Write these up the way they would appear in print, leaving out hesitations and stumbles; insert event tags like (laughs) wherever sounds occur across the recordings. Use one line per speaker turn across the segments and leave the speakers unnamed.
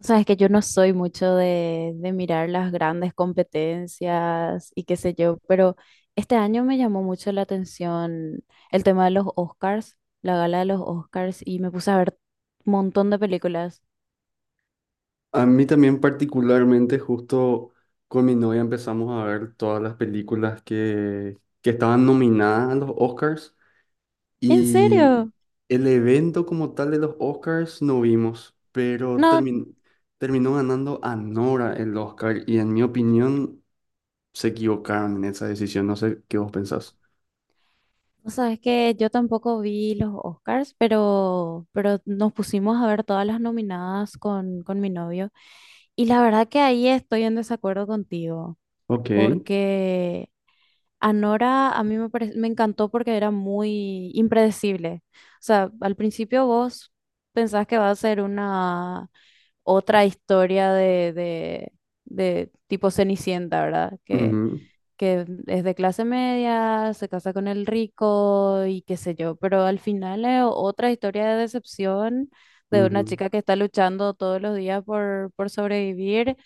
Sabes que yo no soy mucho de mirar las grandes competencias y qué sé yo, pero este año me llamó mucho la atención el tema de los Oscars, la gala de los Oscars, y me puse a ver un montón de películas.
A mí también particularmente, justo con mi novia empezamos a ver todas las películas que estaban nominadas a los Oscars
¿En
y
serio?
el evento como tal de los Oscars no vimos, pero
No,
terminó ganando Anora el Oscar y en mi opinión se equivocaron en esa decisión, no sé qué vos pensás.
sabes que yo tampoco vi los Oscars, pero nos pusimos a ver todas las nominadas con mi novio. Y la verdad que ahí estoy en desacuerdo contigo,
Ok.
porque... Anora a mí me encantó porque era muy impredecible. O sea, al principio vos pensás que va a ser una otra historia de tipo Cenicienta, ¿verdad?
Ujú,
Que es de clase media, se casa con el rico y qué sé yo, pero al final es otra historia de decepción de una
ujú.
chica que está luchando todos los días por sobrevivir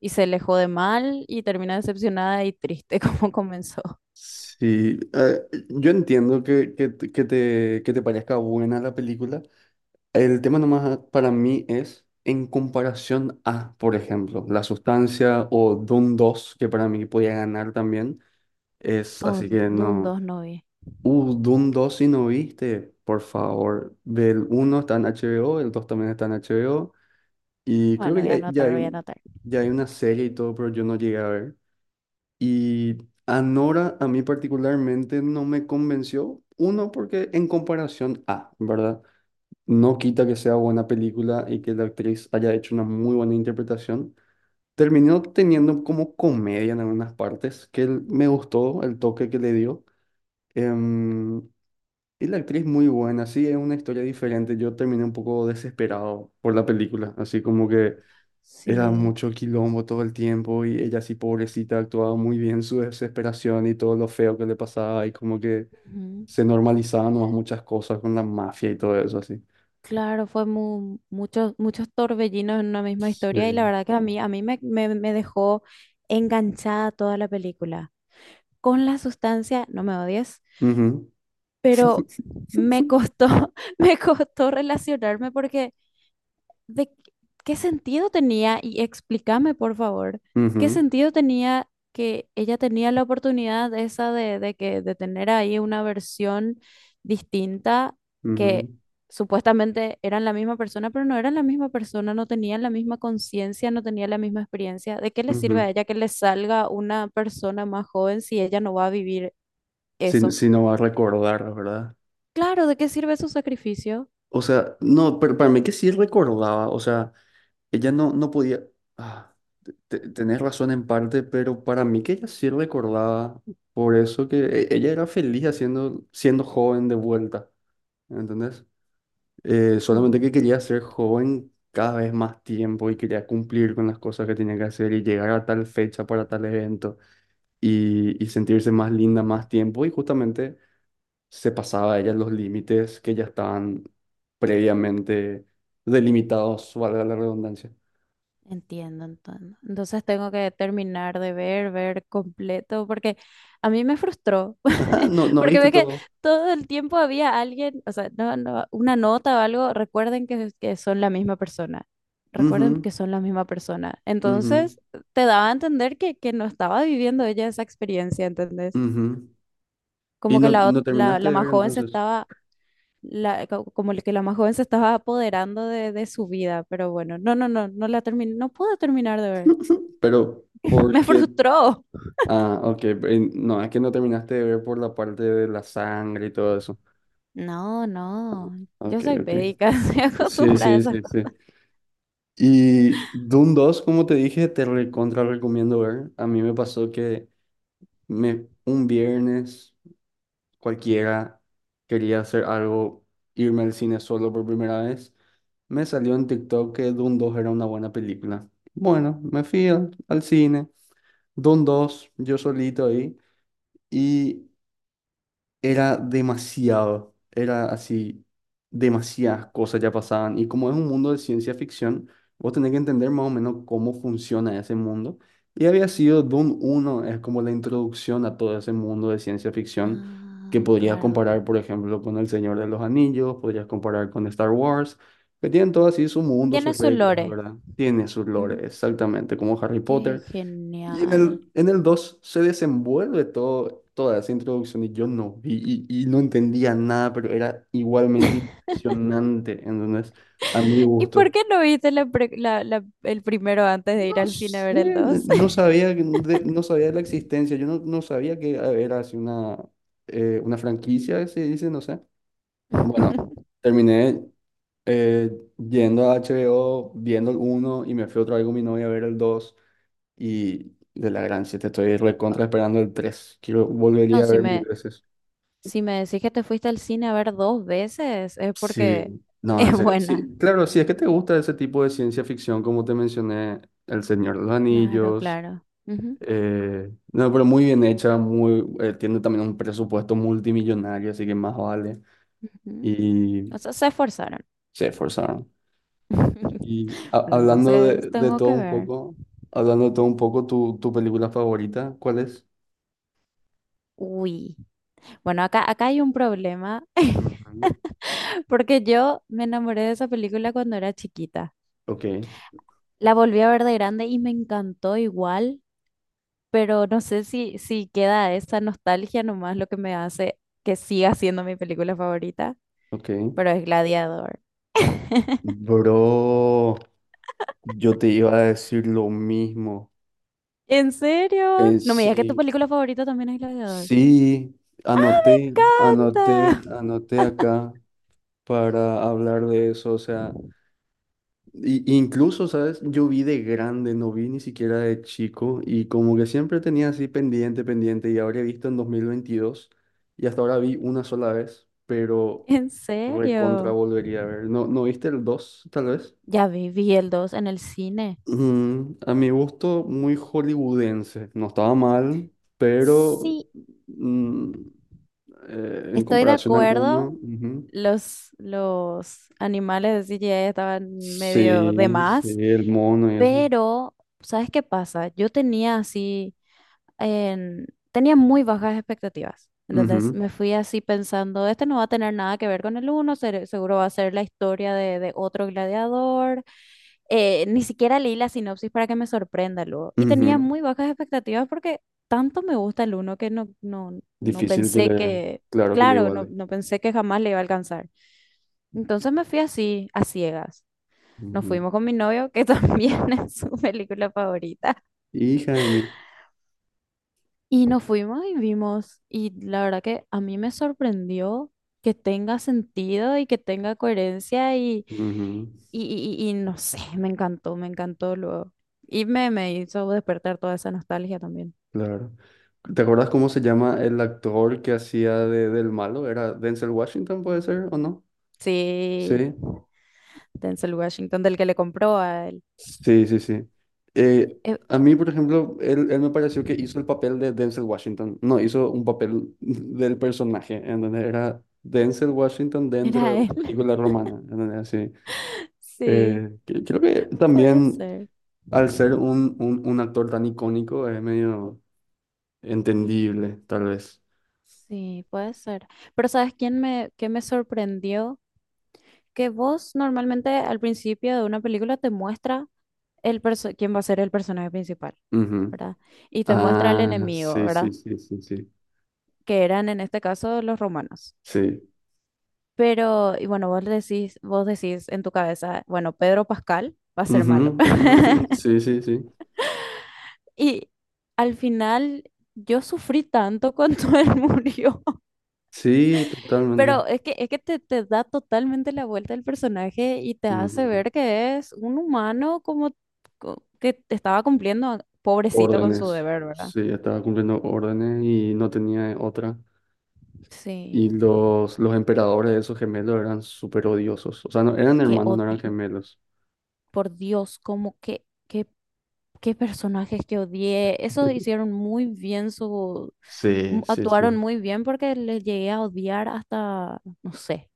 y se le jode mal y termina decepcionada y triste (laughs) como comenzó.
Sí, yo entiendo que te parezca buena la película. El tema nomás para mí es en comparación a, por ejemplo, La Sustancia o Doom 2, que para mí podía ganar también. Es
Oh,
así que
Dune
no.
dos no vi.
Doom 2 si no viste, por favor. Ve el 1, está en HBO, el 2 también está en HBO. Y creo
Bueno,
que
voy
ya,
a
ya
anotar,
hay,
voy a
un-
anotar.
ya hay una serie y todo, pero yo no llegué a ver. Y Anora a mí particularmente no me convenció. Uno, porque en comparación a, ¿verdad? No quita que sea buena película y que la actriz haya hecho una muy buena interpretación. Terminó teniendo como comedia en algunas partes, me gustó el toque que le dio. Em, y la actriz muy buena, sí, es una historia diferente. Yo terminé un poco desesperado por la película, así como que era
Sí,
mucho quilombo todo el tiempo y ella así pobrecita actuaba muy bien su desesperación y todo lo feo que le pasaba y como que
ujú.
se normalizaban nomás muchas cosas con la mafia y todo eso así.
Claro, fue mu- muchos, muchos torbellinos en una misma
Sí.
historia y la verdad que a mí me dejó enganchada toda la película. Con la sustancia, no me odies,
Ujú.
pero me costó, (laughs) me costó relacionarme porque ¿De qué qué sentido tenía? Y explícame, por favor, ¿qué
Ujú,
sentido tenía que ella tenía la oportunidad esa de de tener ahí una versión distinta que
ujú,
supuestamente eran la misma persona, pero no eran la misma persona, no tenían la misma conciencia, no tenían la misma experiencia? ¿De qué le sirve
ujú.
a ella que le salga una persona más joven si ella no va a vivir
Si,
eso?
si no va a recordar, ¿verdad?
Claro, ¿de qué sirve su sacrificio?
O sea, no, pero para mí que sí recordaba, o sea, ella no, no podía, ah, tenés razón en parte, pero para mí que ella sí recordaba, por eso que ella era feliz haciendo, siendo joven de vuelta, ¿entendés? Solamente
Mm.
que quería ser joven cada vez más tiempo y quería cumplir con las cosas que tenía que hacer y llegar a tal fecha para tal evento y sentirse más linda más tiempo y justamente se pasaba ella los límites que ya estaban previamente delimitados, valga la redundancia.
Entiendo, entiendo. Entonces tengo que terminar de ver, ver completo, porque a mí me frustró,
(laughs) Ajá,
(laughs)
no, no
porque
viste
ve que
todo.
todo el tiempo había alguien, o sea, no, no, una nota o algo, recuerden que son la misma persona, recuerden
Ujú,
que son la misma persona.
ujú,
Entonces te daba a entender que no estaba viviendo ella esa experiencia, ¿entendés?
ujú. Y
Como que
no,
la, ot-
no
la,
terminaste
la
de
más
ver
joven se
entonces.
estaba, como que la más joven se estaba apoderando de su vida, pero bueno, no, no la terminé, no pude terminar de ver.
(laughs) Pero,
(laughs)
¿por
Me
qué?
frustró.
Ah, ok. No, es que no terminaste de ver por la parte de la sangre y todo eso.
No, no.
Ah,
Yo
ok,
soy
ok.
védica, (laughs) estoy
Sí,
acostumbrada a
sí,
esas
sí,
cosas.
sí. Y Doom dos, como te dije, te recontra recomiendo ver. A mí me pasó que un viernes cualquiera, quería hacer algo, irme al cine solo por primera vez, me salió en TikTok que Dune 2 era una buena película. Bueno, me fui al cine, Dune 2, yo solito ahí, y era demasiado, era así, demasiadas cosas ya pasaban. Y como es un mundo de ciencia ficción, vos tenés que entender más o menos cómo funciona ese mundo. Y había sido Doom uno es como la introducción a todo ese mundo de ciencia ficción, que
Ah,
podrías
claro.
comparar, por ejemplo, con El Señor de los Anillos, podrías comparar con Star Wars, que tienen todo así su mundo,
Tiene
sus
su
reglas,
lore.
¿verdad? Tiene sus lores,
Ujú.
exactamente, como Harry
Qué
Potter. Y en
genial.
el 2 se desenvuelve todo, toda esa introducción, y yo no vi y no entendía nada, pero era igualmente impresionante, entonces, a mi
(laughs) ¿Y por
gusto.
qué no viste la pre- la- la- el primero antes de ir
No
al cine a
sé,
ver el 2?
no sabía de la existencia, yo no sabía que era así una franquicia, se dice, no sé. Bueno,
(laughs)
terminé eh, yendo a HBO, viendo el uno y me fui otra vez con mi novia a ver el dos. Y de la gran siete estoy
Oh,
recontra esperando el tres. Quiero,
No,
volvería a ver mil veces.
si me decís que te fuiste al cine a ver dos veces, es
Sí,
porque (laughs)
no,
es
en serio.
buena.
Sí, claro, si es que te gusta ese tipo de ciencia ficción, como te mencioné, El Señor de los
Claro,
Anillos.
claro. Ujú,
No, pero muy bien hecha, muy, tiene también un presupuesto multimillonario, así que más vale.
ujú.
Y
O sea, se esforzaron.
se esforzaron.
(laughs)
Y
Bueno, entonces tengo que ver.
hablando de todo un poco, tu película favorita, ¿cuál es?
Uy, bueno, acá hay un problema (laughs)
Ujú.
porque yo me enamoré de esa película cuando era chiquita.
Ok,
La volví a ver de grande y me encantó igual, pero no sé si queda esa nostalgia nomás lo que me hace que siga siendo mi película favorita,
ok.
pero es Gladiador. (laughs)
Bro, yo te iba a decir lo mismo.
¿En serio?
En
No me digas que tu
sí,
película favorita también es Gladiador.
sí, anoté, anoté,
¡Canta!
anoté acá para hablar de eso. O sea, y incluso, ¿sabes? Yo vi de grande, no vi ni siquiera de chico y como que siempre tenía así pendiente, pendiente y habré visto en 2022 y hasta ahora vi una sola vez,
(laughs)
pero
¿En
recontra
serio?
volvería a ver. ¿No, no viste el 2, tal vez?
Ya vi, vi el 2 en el cine.
A mi gusto, muy hollywoodense. No estaba mal, pero
Sí,
mm, en
estoy de
comparación al
acuerdo,
uno, ujú.
los animales de CGI estaban medio de
Sí, sí,
más,
el mono y eso.
pero ¿sabes qué pasa? Yo tenía así en- tenía muy bajas expectativas. Entonces
Ujú,
me fui así pensando, este no va a tener nada que ver con el uno, seguro va a ser la historia de otro gladiador. Ni siquiera leí la sinopsis para que me sorprenda luego. Y tenía
ujú.
muy bajas expectativas porque tanto me gusta el uno que no
Difícil que
pensé
le,
que,
claro que le
claro, no,
iguale.
no pensé que jamás le iba a alcanzar. Entonces me fui así, a ciegas. Nos
Ujú.
fuimos con mi novio, que (laughs) también es su película favorita.
Hija de mil.
Y nos fuimos y vimos, y la verdad que a mí me sorprendió que tenga sentido y que tenga coherencia
Ujú,
y, y y no sé, me encantó luego. Y me hizo despertar toda esa nostalgia también.
claro. ¿Te acuerdas cómo se llama el actor que hacía del malo? ¿Era Denzel Washington, puede ser, o no?
Sí,
Sí.
Denzel Washington, del que le compró a él.
Sí, sí, sí. Eh,
Eh,
a mí, por ejemplo, él me pareció que hizo el papel de Denzel Washington. No, hizo un papel (laughs) del personaje, en donde era Denzel Washington dentro de
¿Era él?
una
(laughs)
película romana, en donde así.
Sí,
Creo que
puede
también
ser.
al ser un actor tan icónico es medio entendible, tal vez.
Sí, puede ser. Pero ¿sabes qué me sorprendió? Que vos normalmente al principio de una película te muestra quién va a ser el personaje principal,
Ujú.
¿verdad? Y te muestra al
Ah,
enemigo,
sí, sí,
¿verdad?
sí, sí, sí.
Que eran en este caso los romanos.
Sí.
Pero, y bueno, vos decís en tu cabeza, bueno, Pedro Pascal va a ser
Ujú,
malo.
(laughs) ujú.
(laughs)
Sí, sí, sí.
Y al final yo sufrí tanto cuando él murió. (laughs)
Sí, totalmente.
Pero es que te da totalmente la vuelta el personaje y te hace ver que es un humano como que estaba cumpliendo, pobrecito, con su
Órdenes.
deber, ¿verdad?
Sí, estaba cumpliendo órdenes y no tenía otra.
Sí,
Y los emperadores de esos gemelos eran súper odiosos. O sea, no, eran
que
hermanos, no eran
odio.
gemelos.
Por Dios, como que, qué, qué personajes que odié. Esos hicieron muy bien su,
Sí, sí,
actuaron
sí.
muy bien porque les llegué a odiar hasta, no sé,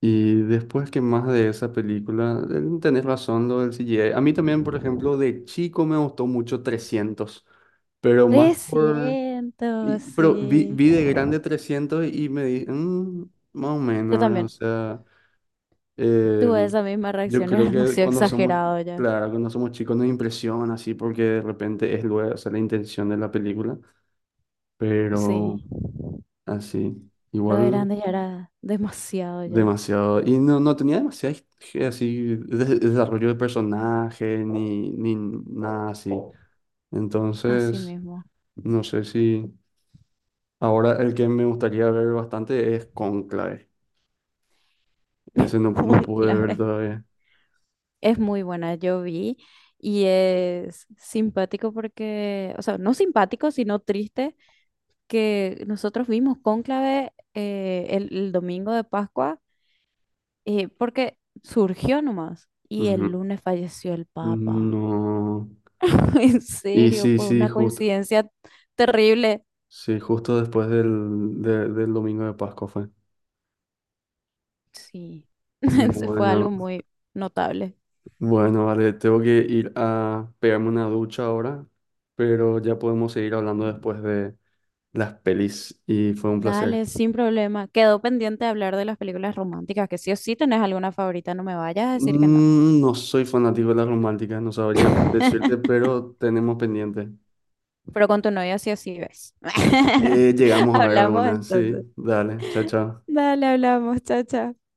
Y después, que más de esa película, tenés razón lo del CGI. A mí también, por ejemplo, de chico me gustó mucho 300, pero más por...
300
pero vi,
sí.
vi de grande 300 y me dije, más o
Yo
menos, ¿verdad? O
también
sea,
tuve
Eh,
esa misma
yo
reacción, era (laughs)
creo que
demasiado
cuando somos,
exagerado ya.
claro, cuando somos chicos nos impresiona así porque de repente es luego, o sea, la intención de la película,
Sí,
pero así,
pero de
igual
grande ya era demasiado ya,
demasiado. Y no tenía demasiado así desarrollo de personaje ni nada así.
así
Entonces,
mismo.
no sé si ahora el que me gustaría ver bastante es Conclave. Ese
(laughs)
no
Un
pude ver
clave.
todavía.
Es muy buena, yo vi y es simpático porque, o sea, no simpático, sino triste que nosotros vimos Cónclave, el domingo de Pascua, porque surgió nomás. Y el
Ujú.
lunes falleció el Papa.
No.
(laughs) En
Y
serio,
sí,
fue
sí,
una coincidencia terrible.
Justo después del, del domingo de Pascua fue.
Sí, (laughs) fue
Bueno,
algo muy notable.
bueno, vale, tengo que ir a pegarme una ducha ahora, pero ya podemos seguir hablando después de las pelis y fue un placer.
Dale, sin problema. Quedó pendiente de hablar de las películas románticas, que sí o sí tenés alguna favorita, no me vayas a decir que no.
No soy fanático de las románticas, no sabría cuál decirte,
(laughs)
pero tenemos pendiente.
Pero con tu novia sí o sí ves. (laughs)
Llegamos a ver
Hablamos
algunas,
entonces.
sí. Dale, chao, chao.
Dale, hablamos. Chao, chao.